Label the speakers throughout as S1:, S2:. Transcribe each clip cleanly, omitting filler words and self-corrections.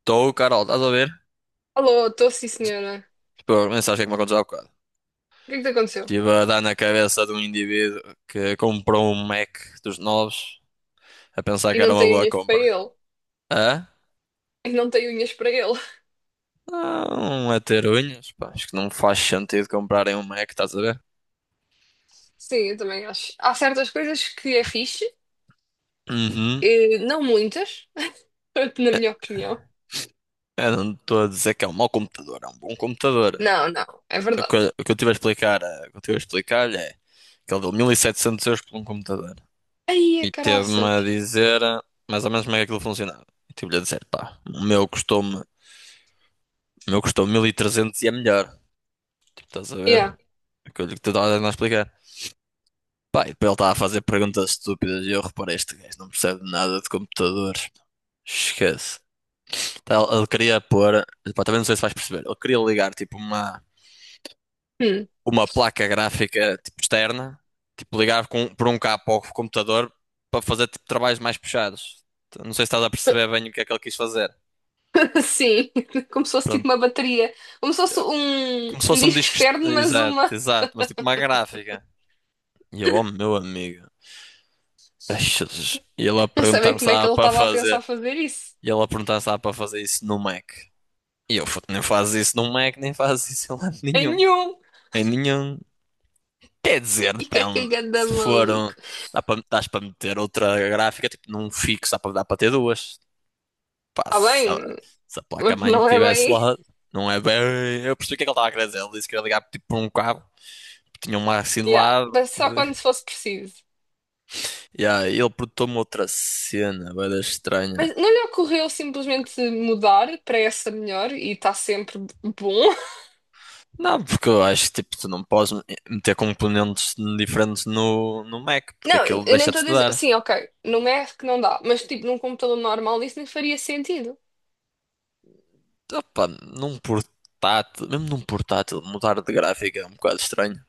S1: Estou, Carol, estás a ver?
S2: Alô, estou sim, senhora.
S1: Pô, mas sabes o que é que me aconteceu há bocado?
S2: O que é que te aconteceu?
S1: Estive a dar na cabeça de um indivíduo que comprou um Mac dos novos a pensar
S2: E
S1: que
S2: não
S1: era uma
S2: tenho
S1: boa
S2: unhas para
S1: compra.
S2: ele.
S1: Hã?
S2: E não tenho unhas para ele.
S1: Não, a ter unhas, pá, acho que não faz sentido comprarem um Mac, estás a ver?
S2: Sim, eu também acho. Há certas coisas que é fixe,
S1: Uhum.
S2: não muitas, na minha opinião.
S1: Eu não estou a dizer que é um mau computador, é um bom computador.
S2: Não, é
S1: O que,
S2: verdade.
S1: eu- o que eu estive a explicar, o que eu estive a explicar-lhe é que ele deu 1700 euros por um computador.
S2: Aí, é
S1: E teve-me
S2: caraças.
S1: a dizer mais ou menos como é que aquilo funcionava. E tive-lhe a dizer, pá, o meu custou-me. O meu custou 1300 e é melhor. Tipo, estás a ver?
S2: Yeah.
S1: Aquilo que tu estás a tentar explicar. Pá, e depois ele estava a fazer perguntas estúpidas e eu reparei, este gajo não percebe nada de computadores. Esquece. Então, ele queria pôr, pá, também não sei se vais perceber, ele queria ligar tipo
S2: Hum.
S1: uma placa gráfica tipo externa, tipo ligar com, por um cabo ao computador para fazer tipo trabalhos mais puxados. Então, não sei se estás a perceber bem o que é que ele quis fazer.
S2: Sim, como se fosse tipo
S1: Pronto,
S2: uma bateria. Como se fosse um,
S1: como se
S2: um
S1: fosse um
S2: disco
S1: disco,
S2: externo, mas
S1: exato,
S2: uma.
S1: exato, mas tipo uma gráfica. E eu, oh meu amigo. Ai, Jesus. E ele a
S2: Não sabem
S1: perguntar-me se
S2: como é que
S1: dava
S2: ele
S1: para
S2: estava a pensar
S1: fazer.
S2: fazer isso.
S1: E ele a perguntar se dava para fazer isso no Mac. E eu, "Foda, nem fazes isso no Mac, nem fazes isso em lado
S2: Em
S1: nenhum.
S2: nenhum.
S1: Em nenhum." Quer dizer,
S2: E que é
S1: depende.
S2: ganda
S1: Se for um.
S2: maluco.
S1: Dá para, dás para meter outra gráfica, tipo num fixo, dá para, dá para ter duas. Pá,
S2: Está
S1: se, a
S2: bem,
S1: se a
S2: mas
S1: placa-mãe
S2: não é
S1: estivesse
S2: bem.
S1: lá, não é bem. Eu percebi o que é que ele estava a querer dizer. Ele disse que ia ligar tipo, por um cabo, tinha uma assim de
S2: Yeah,
S1: lado.
S2: mas
S1: E
S2: só
S1: ele.
S2: quando fosse preciso.
S1: Yeah, ele perguntou-me outra cena, bem estranha.
S2: Mas não lhe ocorreu simplesmente mudar para essa melhor e está sempre bom?
S1: Não, porque eu acho que tipo, tu não podes meter componentes diferentes no, no Mac, porque
S2: Não,
S1: aquilo
S2: eu nem
S1: deixa-te
S2: estou a
S1: de
S2: dizer.
S1: dar.
S2: Sim, ok, não é que não dá, mas tipo num computador normal isso nem faria sentido.
S1: Opa, num portátil, mesmo num portátil, mudar de gráfica é um bocado estranho.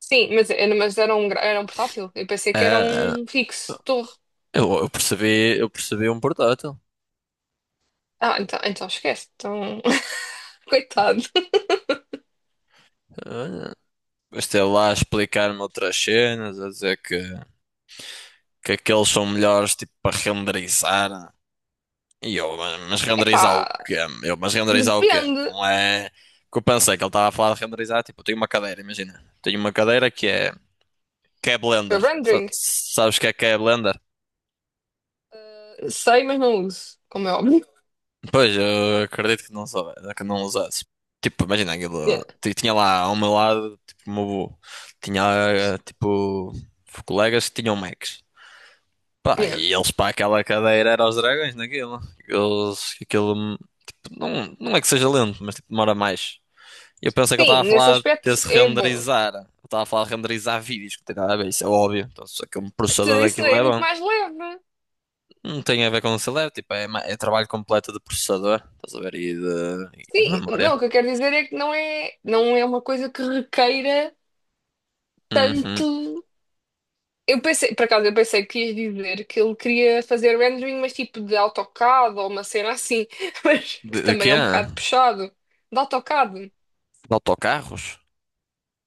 S2: Sim, mas, mas era um, era um portátil. Eu pensei
S1: É,
S2: que era
S1: é,
S2: um fixo, torre.
S1: eu percebi um portátil.
S2: Ah, então, então esquece. Então, coitado.
S1: É. Gostei lá a explicar-me outras cenas, a dizer que aqueles são melhores tipo para renderizar. E eu, mas renderizar o
S2: Epá,
S1: quê? Eu, mas renderizar o quê?
S2: depende.
S1: Não é. O que eu pensei que ele estava a falar de renderizar, tipo, eu tenho uma cadeira, imagina. Tenho uma cadeira que é. Que é
S2: Eu
S1: Blender. Sa-
S2: rendering.
S1: Sabes o que é Blender?
S2: Sei, mas não uso, como é óbvio.
S1: Pois, eu acredito que não soube, que não usasses. Tipo, imagina
S2: Yeah,
S1: aquilo. Tinha lá ao meu lado, tipo, o meu. Tinha eh, tipo. colegas que tinham Macs. Pá,
S2: yeah.
S1: e eles para aquela cadeira eram os dragões naquilo. Eles, aquilo. Não, não é que seja lento, mas tipo, demora mais. Eu pensei que ele estava a
S2: Sim, nesse
S1: falar
S2: aspecto
S1: desse
S2: é bom.
S1: renderizar. Ele estava a falar de renderizar vídeos, que não tem nada a ver, isso é óbvio. Então, só que um processador
S2: Tudo isso
S1: daquilo
S2: é
S1: é
S2: muito
S1: bom.
S2: mais leve.
S1: Não tem a ver com o celular, tipo, é, é trabalho completo de processador, estás a ver, e de
S2: Sim,
S1: memória.
S2: não, o que eu quero dizer é que não é uma coisa que requeira
S1: Uhum.
S2: tanto. Eu pensei, por acaso, eu pensei que ias dizer que ele queria fazer rendering, mas tipo de AutoCAD ou uma cena assim, mas que
S1: De
S2: também
S1: quê?
S2: é um bocado puxado. De AutoCAD.
S1: De autocarros?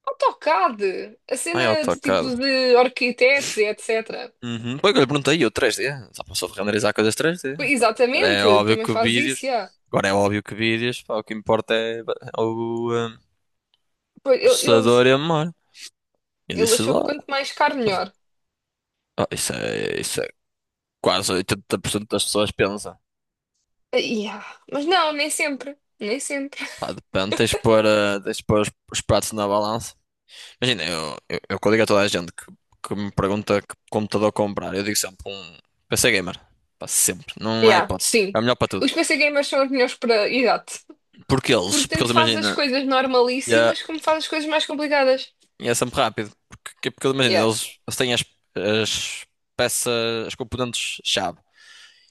S2: AutoCAD! A
S1: Ah, é
S2: cena de tipo
S1: AutoCAD.
S2: de arquitetos e etc.
S1: Uhum. Foi o que eu lhe perguntei, eu 3D. Só passou de renderizar coisas 3D.
S2: Pois,
S1: Pá, agora é
S2: exatamente,
S1: óbvio
S2: também
S1: que
S2: faz
S1: vídeos.
S2: isso, yeah.
S1: Agora é óbvio que vídeos. Pá, o que importa é o
S2: Pois. Ele, ele,
S1: processador e a memória. Eu
S2: ele
S1: disse
S2: achou
S1: lá.
S2: que quanto mais caro, melhor.
S1: Ah, isso é quase 80% das pessoas pensa.
S2: Ah, yeah. Mas não, nem sempre. Nem sempre.
S1: Pá, depende, tens de pôr, tens de pôr os pratos na balança. Imagina, eu quando digo a toda a gente que me pergunta que computador comprar, eu digo sempre um PC Gamer. Pá, sempre. Não há
S2: Yeah,
S1: hipótese.
S2: sim.
S1: É o melhor para tudo.
S2: Os PC gamers são os melhores para. Exato. Porque
S1: Porque
S2: tanto
S1: eles
S2: faz as
S1: imagina.
S2: coisas normalíssimas como faz as coisas mais complicadas.
S1: E é sempre rápido. Porque, porque imagina,
S2: Yeah,
S1: eles têm as, as peças, as componentes-chave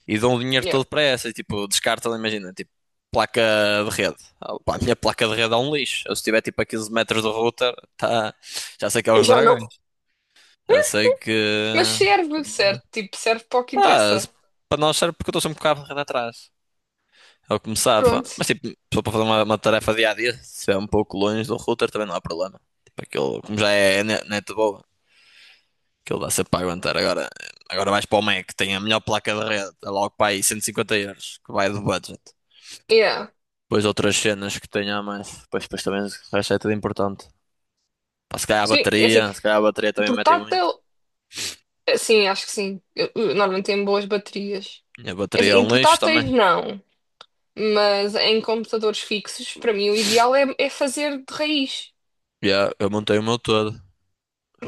S1: e dão o dinheiro
S2: yeah.
S1: todo para essas. Tipo, descartam, imagina, tipo, placa de rede. Ah, pá, a minha placa de rede é um lixo. Eu, se tiver tipo a 15 metros do router, tá, já sei que é os
S2: Já não.
S1: dragões. Já sei que.
S2: Mas serve, serve. Tipo, serve para o que
S1: Ah,
S2: interessa.
S1: para nós serve porque eu estou sempre com o cabo de rede atrás. É o que me safa.
S2: Pronto.
S1: Mas tipo, só para fazer uma tarefa dia a dia, se é um pouco longe do router também não há problema. Tipo, aquilo, como já é net. Aquilo dá ser para aguentar. Agora, agora vais para o Mac, tem a melhor placa de rede, é logo para aí 150 euros, que vai do budget.
S2: Yeah.
S1: Depois outras cenas que tenha a mais. Depois, depois também o resto é tudo importante. Pá, se calhar a
S2: Sim, é assim.
S1: bateria, se calhar a bateria também metem muito.
S2: Portátil, sim, acho que sim. Eu normalmente tem boas baterias.
S1: E a
S2: É
S1: bateria é
S2: assim, em
S1: um lixo
S2: portáteis,
S1: também.
S2: não. Mas em computadores fixos, para mim, o ideal é, é fazer de raiz.
S1: E eu montei o meu todo.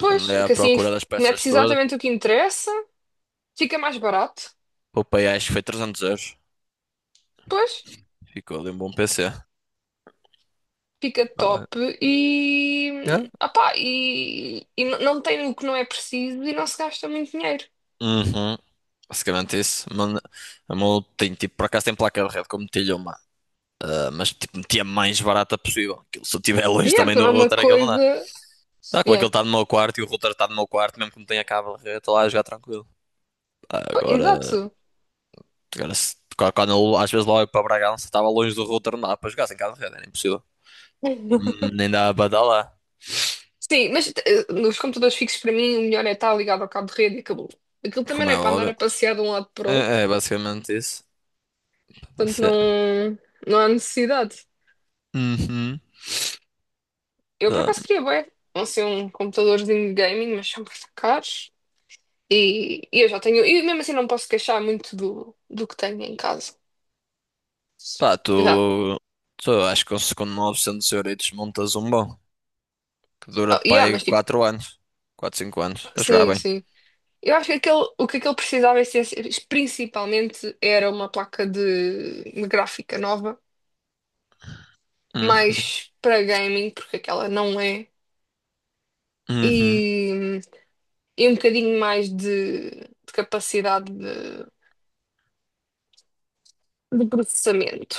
S2: Pois,
S1: Andei à
S2: que assim
S1: procura das peças
S2: mete-se
S1: todas.
S2: exatamente o que interessa, fica mais barato.
S1: Poupei, acho que foi 300 euros.
S2: Pois.
S1: Ficou ali um bom PC.
S2: Fica
S1: Tá bem.
S2: top
S1: Yeah.
S2: e, opá, e não tem o que não é preciso e não se gasta muito dinheiro.
S1: Uhum. Basicamente isso. Mano, a meu tem tipo, por acaso tem placa de rede, como metilho. Ah, mas tipo, metia mais barata possível. Aquilo, se eu estiver longe
S2: Yeah,
S1: também
S2: não
S1: do
S2: é uma
S1: router, aquilo não dá.
S2: coisa.
S1: Dá como aquele
S2: Yeah.
S1: está no meu quarto e o router está no meu quarto, mesmo que não tenha cabo, eu estou lá a jogar tranquilo. Ah,
S2: Pô,
S1: agora,
S2: exato.
S1: quando eu, às vezes lá eu para Bragança, estava longe do router, não dá para jogar sem cabo de rede, era impossível. Nem dá para dar lá,
S2: Sim, mas nos computadores fixos, para mim, o melhor é estar ligado ao cabo de rede e acabou. Aquilo também
S1: como
S2: não é
S1: é
S2: para andar
S1: óbvio.
S2: a passear de um lado para o outro,
S1: É, é basicamente isso.
S2: portanto
S1: Você.
S2: não, não há necessidade.
S1: Uhum.
S2: Eu, por
S1: Pá,
S2: acaso, queria bem, não ser um computadorzinho de gaming, mas são muito caros e eu já tenho. E mesmo assim, não posso queixar muito do, do que tenho em casa.
S1: pá,
S2: Já
S1: tu acho que com 900 euros montas um bom que
S2: oh,
S1: dura-te para
S2: yeah,
S1: aí
S2: mas tipo,
S1: 4 anos, 4 5 anos, a jogar
S2: sim,
S1: bem.
S2: sim. Eu acho que aquele, o que aquele precisava principalmente era uma placa de gráfica nova,
S1: Uhum.
S2: mais para gaming, porque aquela não é,
S1: Uhum.
S2: e, e um bocadinho mais de capacidade de processamento.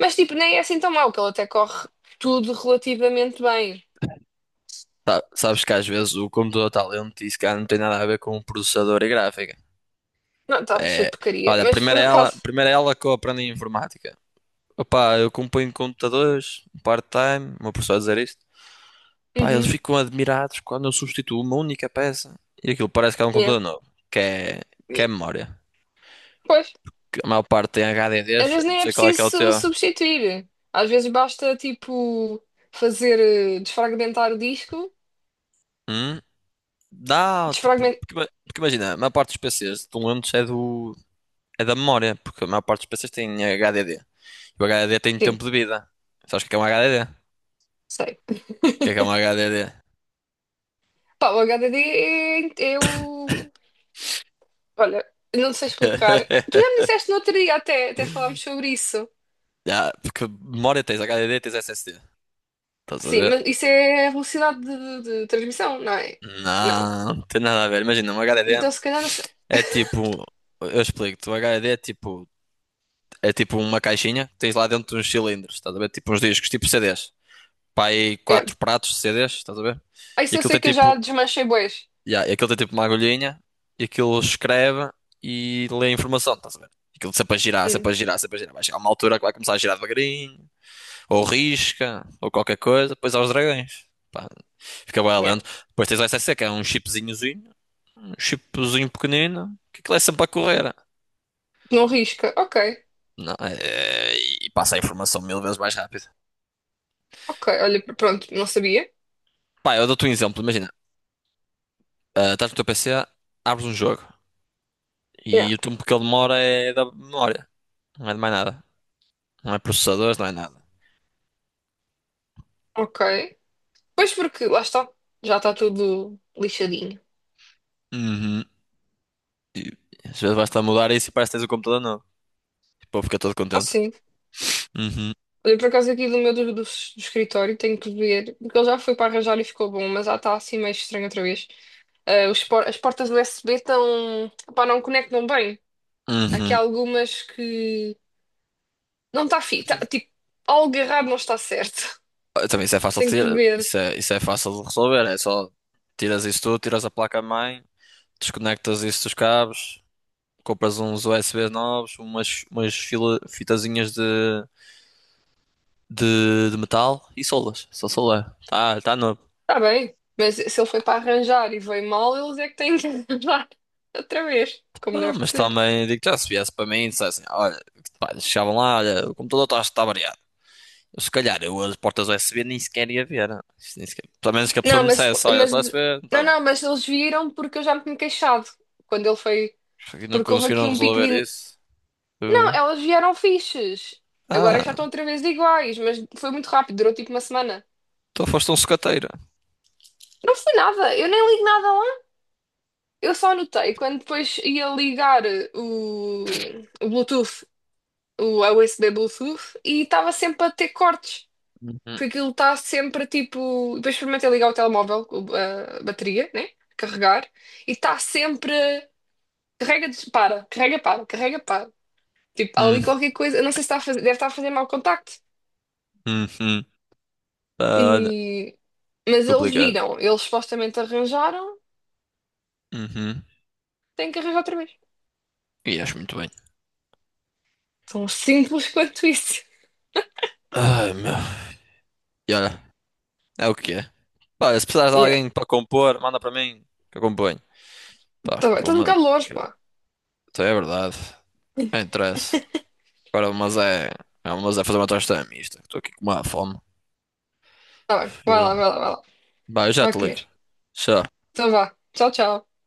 S2: Mas tipo, nem é assim tão mau, que ele até corre tudo relativamente bem.
S1: Sabes que às vezes o computador está lento e isso cá não tem nada a ver com o processador e gráfica.
S2: Não, está cheio de
S1: É,
S2: porcaria,
S1: olha,
S2: mas por acaso.
S1: primeiro é ela que eu aprendo em informática. Opa, eu componho computadores, um part-time, o meu professor a dizer isto. Pá, eles
S2: Uhum,
S1: ficam admirados quando eu substituo uma única peça e aquilo parece que é um
S2: yeah,
S1: computador novo, que é, que é
S2: yeah.
S1: memória.
S2: Pois.
S1: Que a maior parte tem
S2: Às
S1: HDDs,
S2: vezes
S1: não
S2: nem é
S1: sei qual é
S2: preciso
S1: que é o teu.
S2: substituir. Às vezes basta, tipo, fazer, desfragmentar o disco.
S1: Hum? Não, tipo,
S2: Desfragmentar.
S1: porque, porque imagina, a maior parte dos PCs estão lentos é do, é da memória, porque a maior parte dos PCs tem HDD. O HDD tem
S2: Sim,
S1: tempo de vida. Sabes o que é um HDD? O
S2: sei.
S1: que é um HDD?
S2: Pá, o HDD é, é o. Olha, não sei explicar. Tu já me disseste no outro dia, até, até falámos sobre isso.
S1: Já, porque memória tens HDD, tens SSD. Estás a
S2: Sim,
S1: ver?
S2: mas isso é a velocidade de, de transmissão, não é? Não.
S1: Não, não tem nada a ver. Imagina, um HDD
S2: Então, se calhar, não sei.
S1: é tipo. Eu explico-te. Um HDD é tipo. É tipo uma caixinha que tens lá dentro uns cilindros. Estás a ver? Tipo uns discos, tipo CDs. Pá, aí
S2: Yeah.
S1: quatro pratos de CDs. Estás a ver?
S2: Ah,
S1: E
S2: isso eu
S1: aquilo
S2: sei
S1: tem
S2: que eu já
S1: tipo.
S2: desmanchei bués.
S1: Yeah, e aquilo tem tipo uma agulhinha e aquilo escreve e lê a informação, estás a ver? Aquilo sempre a girar,
S2: Hum,
S1: sempre a girar, sempre a girar. Vai chegar uma altura que vai começar a girar devagarinho, ou risca, ou qualquer coisa, depois aos dragões. Pá, fica bem
S2: yeah.
S1: lento. Depois tens o S SSC, que é um chipzinhozinho, um chipzinho pequenino, que aquilo é sempre a correr.
S2: Não risca. Ok,
S1: Não, é- E passa a informação 1000 vezes mais rápido.
S2: ok. Olha, pronto, não sabia.
S1: Pá, eu dou-te um exemplo, imagina, ah, estás no teu P C, abres um jogo
S2: Yeah.
S1: e o tempo que ele demora é da memória, não é de mais nada. Não é processadores, não é nada.
S2: Ok. Pois porque, lá está, já está tudo lixadinho.
S1: Uhum. E às vezes basta mudar isso e parece que tens o computador novo. O povo fica todo
S2: Ah,
S1: contente.
S2: sim.
S1: Uhum.
S2: Olha, por acaso aqui do meu do, do escritório tenho que ver, porque ele já foi para arranjar e ficou bom, mas já está assim meio estranho outra vez. Ah, os as portas USB estão, pá, não conectam bem. Aqui
S1: Uhum.
S2: há algumas que não está fi, tá, tipo, algo errado não está certo.
S1: Ah, também isso é fácil de
S2: Tenho que
S1: tirar.
S2: ver.
S1: Isso é fácil de resolver. É só tiras isso tudo, tiras a placa-mãe, desconectas isso dos cabos, compras uns USB novos, umas fitazinhas de metal e solas. Só solar. Tá, tá novo.
S2: Está bem, mas se ele foi para arranjar e veio mal, eles é que têm que arranjar outra vez, como
S1: Ah,
S2: deve de
S1: mas
S2: ser.
S1: também digo já se viesse para mim e dissessem, olha, pá, chegavam lá, olha, o computador está tá variado. Se calhar eu as portas U S B nem sequer ia ver. Né? Isto nem sequer... Pelo menos que a pessoa
S2: Não,
S1: me dissesse, olha,
S2: mas
S1: só U S B não está
S2: não,
S1: lá.
S2: não, mas eles viram porque eu já me tinha queixado quando ele foi,
S1: E não
S2: porque houve aqui
S1: conseguiram
S2: um pico
S1: resolver
S2: de.
S1: isso.
S2: Não,
S1: Eh,
S2: elas vieram fixes. Agora já estão
S1: Ah,
S2: outra vez iguais, mas foi muito rápido, durou tipo uma semana.
S1: então foste um sucateiro.
S2: Não foi nada, eu nem ligo nada lá. Eu só anotei quando depois ia ligar o, o Bluetooth, o USB Bluetooth, e estava sempre a ter cortes.
S1: Uhum,
S2: Porque aquilo está sempre tipo. Depois experimentei ligar o telemóvel, a bateria, né? Carregar, e está sempre. Carrega, dispara, carrega, para, carrega, para. Tipo, há
S1: uhum,
S2: ali qualquer coisa, eu não sei se está a fazer, deve estar a fazer mau contacto.
S1: uhum. Ah, olha,
S2: E... Mas eles
S1: complicado.
S2: viram, eles supostamente arranjaram,
S1: Uhum.
S2: têm que arranjar outra vez.
S1: E acho muito bem.
S2: Tão simples quanto isso.
S1: Ai, meu. E olha, é o que é. Pá, se precisares de
S2: Yeah.
S1: alguém para compor, manda para mim que eu componho. Pá,
S2: Tá
S1: que
S2: bem,
S1: eu vou
S2: estou um
S1: mandar.
S2: bocado longe,
S1: que eu-
S2: pá.
S1: Então é verdade. Não interessa. Agora, mas é. Mas é fazer uma tosta é mista. Estou aqui com uma fome.
S2: Tá bem, vai
S1: Eh,
S2: lá, vai lá, vai lá.
S1: Bah, eu já te
S2: Vai
S1: ligo.
S2: comer.
S1: Tchau.
S2: Então vá. Tchau, tchau.